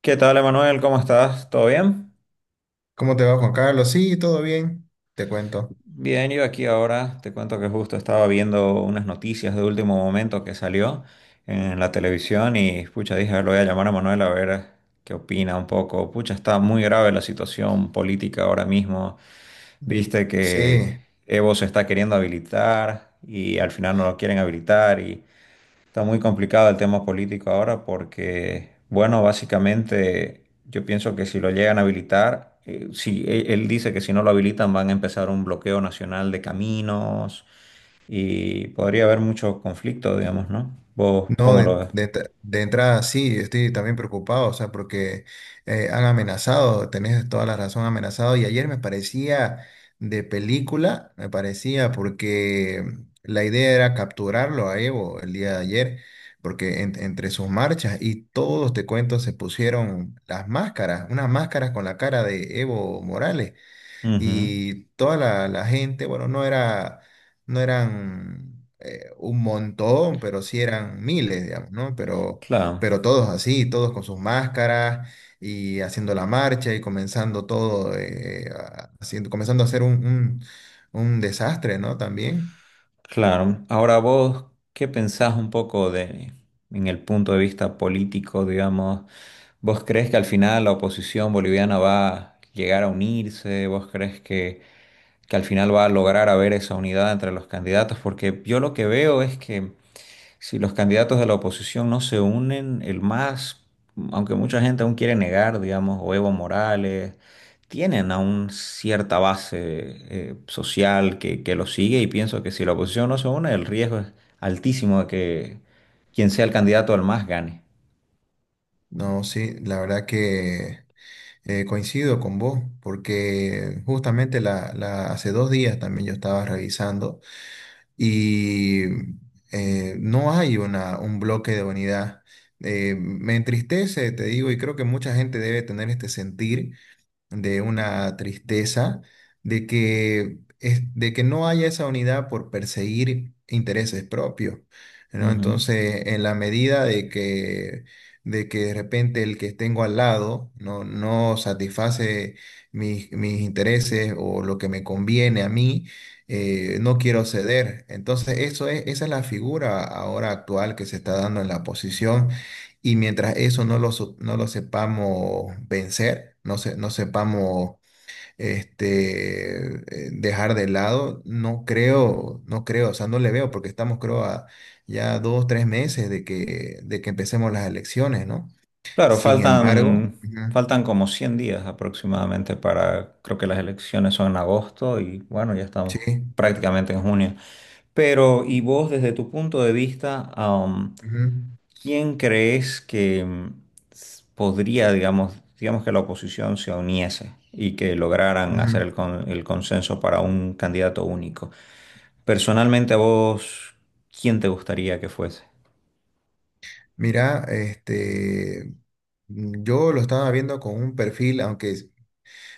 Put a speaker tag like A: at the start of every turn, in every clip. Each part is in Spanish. A: ¿Qué tal, Emanuel? ¿Cómo estás? ¿Todo bien?
B: ¿Cómo te va, Juan Carlos? Sí, todo bien. Te cuento.
A: Bien, yo aquí ahora te cuento que justo estaba viendo unas noticias de último momento que salió en la televisión y pucha, dije, a ver, lo voy a llamar a Manuel a ver qué opina un poco. Pucha, está muy grave la situación política ahora mismo. Viste que
B: Sí.
A: Evo se está queriendo habilitar y al final no lo quieren habilitar y está muy complicado el tema político ahora porque, bueno, básicamente yo pienso que si lo llegan a habilitar, si e- él dice que si no lo habilitan van a empezar un bloqueo nacional de caminos y podría haber mucho conflicto, digamos, ¿no? ¿Vos
B: No,
A: cómo lo
B: de,
A: ves?
B: de ent- de entrada sí, estoy también preocupado, o sea, porque han amenazado, tenés toda la razón, amenazado. Y ayer me parecía de película, me parecía, porque la idea era capturarlo a Evo el día de ayer, porque entre sus marchas y todos, te cuento, se pusieron las máscaras, unas máscaras con la cara de Evo Morales
A: Ujú.
B: y toda la gente, bueno, no era, no eran un montón, pero sí eran miles, digamos, ¿no? Pero,
A: Claro,
B: pero todos así, todos con sus máscaras y haciendo la marcha y comenzando todo, comenzando a hacer un desastre, ¿no? También.
A: claro. Ahora vos, ¿qué pensás un poco de, ¿en el punto de vista político, digamos? ¿Vos crees que al final la oposición boliviana va a llegar a unirse? ¿Vos crees que al final va a lograr haber esa unidad entre los candidatos? Porque yo lo que veo es que si los candidatos de la oposición no se unen, aunque mucha gente aún quiere negar, digamos, o Evo Morales, tienen aún cierta base social que los sigue, y pienso que si la oposición no se une, el riesgo es altísimo de que quien sea el candidato al más gane.
B: No, sí, la verdad que coincido con vos, porque justamente hace 2 días también yo estaba revisando. Y no hay un bloque de unidad. Me entristece, te digo, y creo que mucha gente debe tener este sentir de una tristeza, de que no haya esa unidad por perseguir intereses propios, ¿no?
A: Ujú.
B: Entonces, en la medida de que, de repente el que tengo al lado no satisface mis intereses o lo que me conviene a mí, no quiero ceder. Entonces, esa es la figura ahora actual que se está dando en la oposición y mientras eso no lo sepamos vencer, no sepamos dejar de lado, no creo, no creo, o sea, no le veo, porque estamos, creo, a ya 2, 3 meses de que empecemos las elecciones, ¿no?
A: Claro,
B: Sin embargo, ujú,
A: faltan como 100 días aproximadamente para, creo que las elecciones son en agosto, y bueno, ya estamos
B: sí,
A: prácticamente en junio. Pero, y vos desde tu punto de vista,
B: ujú,
A: ¿quién crees que podría, digamos, digamos que la oposición se uniese y que lograran hacer
B: ujú.
A: el consenso para un candidato único? Personalmente a vos, ¿quién te gustaría que fuese?
B: Mira, yo lo estaba viendo con un perfil, aunque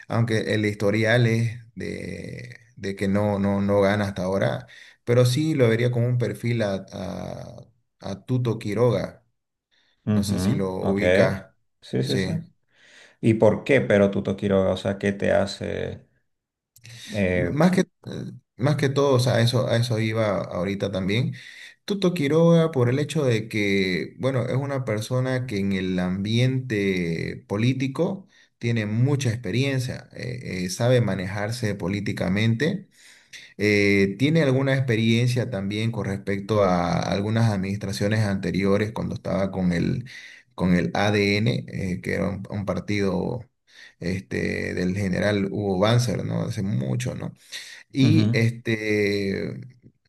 B: aunque el historial es de que no gana hasta ahora, pero sí lo vería como un perfil a Tuto Quiroga, no sé si
A: Ujú,
B: lo
A: ok.
B: ubica,
A: Sí, sí, sí.
B: sí.
A: ¿Y por qué Tuto Quiroga? O sea, ¿qué te hace?
B: M-
A: Eh,
B: Más que, eh, más que todo, o sea, a eso iba ahorita también. Tuto Quiroga por el hecho de que, bueno, es una persona que en el ambiente político tiene mucha experiencia, sabe manejarse políticamente. ¿Tiene alguna experiencia también con respecto a algunas administraciones anteriores cuando estaba con con el ADN, que era un partido del general Hugo Banzer, ¿no? Hace mucho, ¿no?
A: ujú,
B: y este,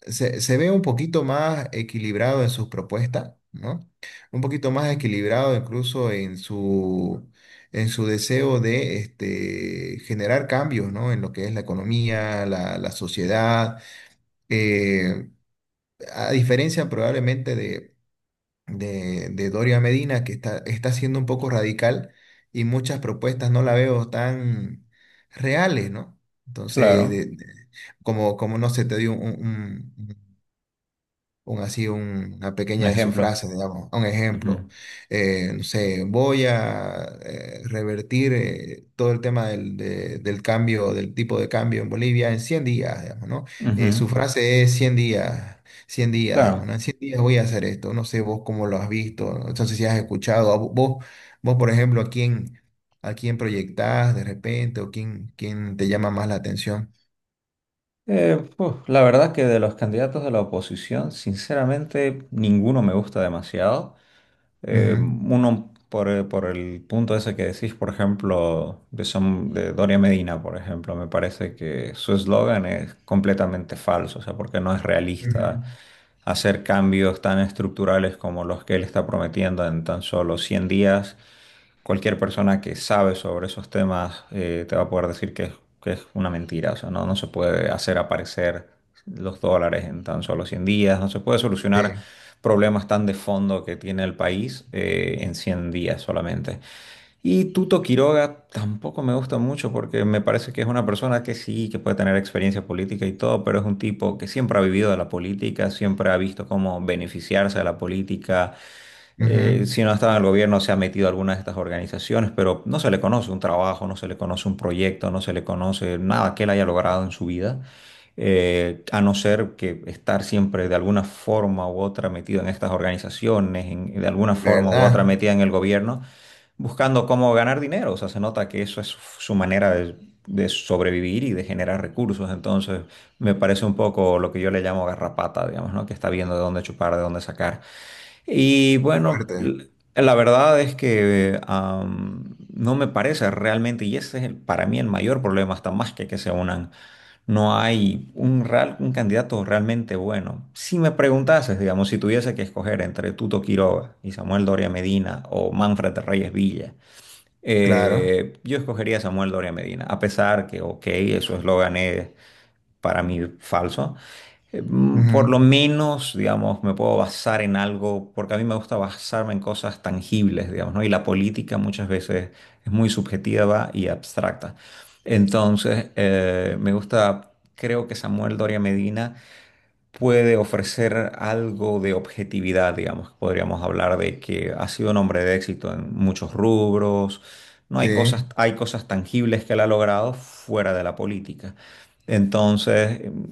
B: se ve un poquito más equilibrado en sus propuestas, ¿no? Un poquito más equilibrado incluso en su deseo de generar cambios, ¿no? En lo que es la economía, la sociedad, eh, a diferencia probablemente de Doria Medina, que está siendo un poco radical y muchas propuestas no la veo tan reales, ¿no? Entonces,
A: claro,
B: como no sé, te dio así una
A: un
B: pequeña de sus
A: ejemplo.
B: frases, digamos, un ejemplo.
A: Ujú,
B: No sé, voy a revertir todo el tema del cambio, del tipo de cambio en Bolivia en 100 días, digamos, ¿no?
A: ujú,
B: Su frase es 100 días. 100 días, digamos, ¿no?
A: claro.
B: En 100 días voy a hacer esto. No sé vos cómo lo has visto, ¿no? Entonces si has escuchado, vos por ejemplo, a quién proyectás de repente o quién te llama más la atención.
A: Pues, la verdad que de los candidatos de la oposición, sinceramente, ninguno me gusta demasiado.
B: Ujú,
A: Uno por, por el punto ese que decís, por ejemplo, de, de Doria Medina, por ejemplo, me parece que su eslogan es completamente falso, o sea, porque no es realista
B: ujú,
A: hacer cambios tan estructurales como los que él está prometiendo en tan solo 100 días. Cualquier persona que sabe sobre esos temas te va a poder que es una mentira. O sea, no, no se puede hacer aparecer los dólares en tan solo 100 días, no se puede
B: sí,
A: solucionar problemas tan de fondo que tiene el país en 100 días solamente. Y Tuto Quiroga tampoco me gusta mucho porque me parece que es una persona que sí, que puede tener experiencia política y todo, pero es un tipo que siempre ha vivido de la política, siempre ha visto cómo beneficiarse de la política,
B: ujú.
A: si no estaba en el gobierno, se ha metido a algunas de estas organizaciones, pero no se le conoce un trabajo, no se le conoce un proyecto, no se le conoce nada que él haya logrado en su vida, a no ser que estar siempre de alguna forma u otra metido en estas organizaciones, de alguna forma u otra
B: ¿Verdad?
A: metida en el gobierno, buscando cómo ganar dinero. O sea, se nota que eso es su manera de sobrevivir y de generar recursos. Entonces, me parece un poco lo que yo le llamo garrapata, digamos, ¿no? Que está viendo de dónde chupar, de dónde sacar. Y bueno,
B: Fuerte,
A: la verdad es que no me parece realmente, y ese es para mí el mayor problema, hasta más que se unan. No hay un candidato realmente bueno. Si me preguntases, digamos, si tuviese que escoger entre Tuto Quiroga y Samuel Doria Medina o Manfred Reyes Villa,
B: claro.
A: yo escogería a Samuel Doria Medina, a pesar que, ok, eso es lo gané para mí falso. Por lo
B: Ujú,
A: menos, digamos, me puedo basar en algo, porque a mí me gusta basarme en cosas tangibles, digamos, ¿no? Y la política muchas veces es muy subjetiva y abstracta. Entonces, me gusta, creo que Samuel Doria Medina puede ofrecer algo de objetividad, digamos. Podríamos hablar de que ha sido un hombre de éxito en muchos rubros. No
B: sí.
A: hay cosas, hay cosas tangibles que él ha logrado fuera de la política. Entonces,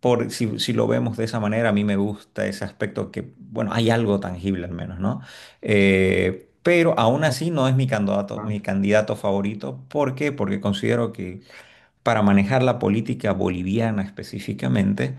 A: por, si, si lo vemos de esa manera, a mí me gusta ese aspecto que, bueno, hay algo tangible al menos, ¿no? Pero aún así no es
B: Ajá,
A: mi candidato favorito. ¿Por qué? Porque considero que para manejar la política boliviana específicamente,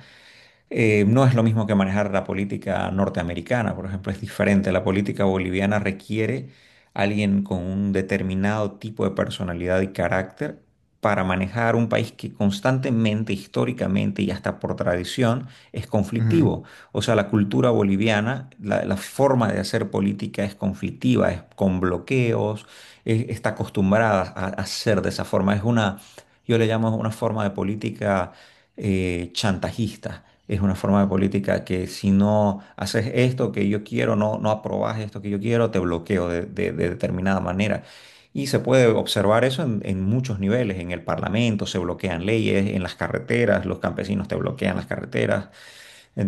A: no es lo mismo que manejar la política norteamericana, por ejemplo, es diferente. La política boliviana requiere alguien con un determinado tipo de personalidad y carácter para manejar un país que constantemente, históricamente y hasta por tradición es
B: ujú.
A: conflictivo. O sea, la cultura boliviana, la forma de hacer política es conflictiva, es con bloqueos, está acostumbrada a hacer de esa forma. Es una, yo le llamo una forma de política chantajista. Es una forma de política que si no haces esto que yo quiero, no, no aprobas esto que yo quiero, te bloqueo de determinada manera. Y se puede observar eso en muchos niveles. En el Parlamento se bloquean leyes, en las carreteras, los campesinos te bloquean las carreteras.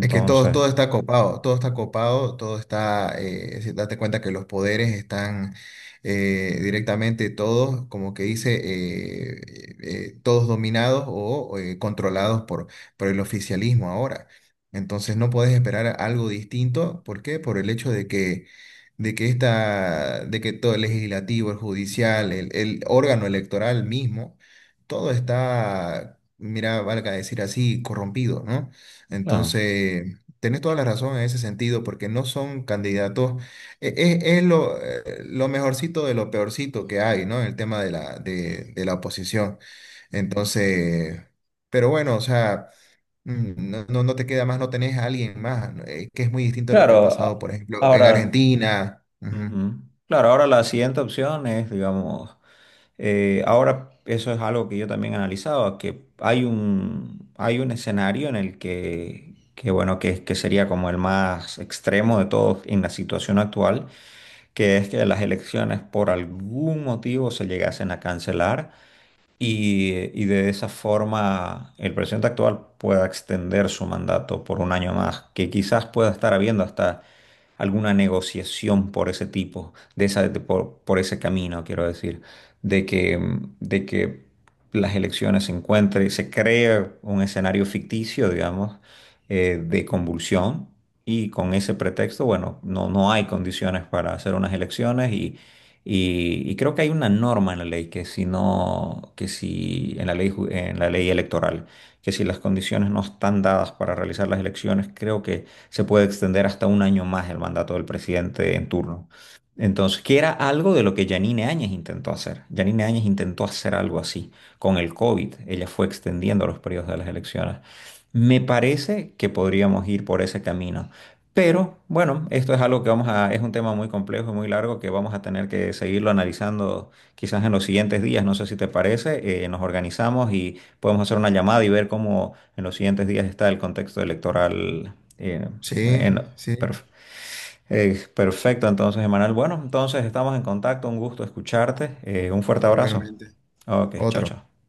B: Es que todo, todo está copado, todo está copado, todo está, si date cuenta que los poderes están directamente todos, como que dice, todos dominados o controlados por el oficialismo ahora. Entonces no podés esperar algo distinto, ¿por qué? Por el hecho de que todo el legislativo, el judicial, el órgano electoral mismo, todo está, mira, valga decir así, corrompido, ¿no?
A: claro.
B: Entonces, tenés toda la razón en ese sentido, porque no son candidatos, es lo mejorcito de lo peorcito que hay, ¿no? En el tema de la oposición. Entonces, pero bueno, o sea, no te queda más, no tenés a alguien más, ¿no? Que es muy distinto de lo que ha
A: Claro,
B: pasado,
A: a-
B: por ejemplo, en
A: ahora,
B: Argentina. Ujú.
A: ujú. Claro, ahora la siguiente opción es, digamos, ahora, eso es algo que yo también he analizado, que hay un escenario en el que bueno, que sería como el más extremo de todos en la situación actual, que es que las elecciones por algún motivo se llegasen a cancelar y, y de esa forma el presidente actual pueda extender su mandato por un año más, que quizás pueda estar habiendo hasta alguna negociación por ese tipo, de esa, por ese camino, quiero decir, de que, de que las elecciones se encuentren, se cree un escenario ficticio, digamos, de convulsión. Y con ese pretexto, bueno, no, no hay condiciones para hacer unas elecciones y creo que hay una norma en la ley que si no, que si en la ley, en la ley electoral, que si las condiciones no están dadas para realizar las elecciones, creo que se puede extender hasta un año más el mandato del presidente en turno. Entonces, que era algo de lo que Yanine Áñez intentó hacer. Yanine Áñez intentó hacer algo así con el COVID. Ella fue extendiendo los periodos de las elecciones. Me parece que podríamos ir por ese camino. Pero bueno, esto es algo que vamos a, es un tema muy complejo y muy largo que vamos a tener que seguirlo analizando quizás en los siguientes días. No sé si te parece, nos organizamos y podemos hacer una llamada y ver cómo en los siguientes días está el contexto electoral. eh,
B: Sí,
A: en-
B: sí,
A: perf- Perfecto, entonces, Emanuel. Bueno, entonces estamos en contacto, un gusto escucharte. Eh, un fuerte abrazo.
B: igualmente.
A: Ok, chao,
B: Otro.
A: chao.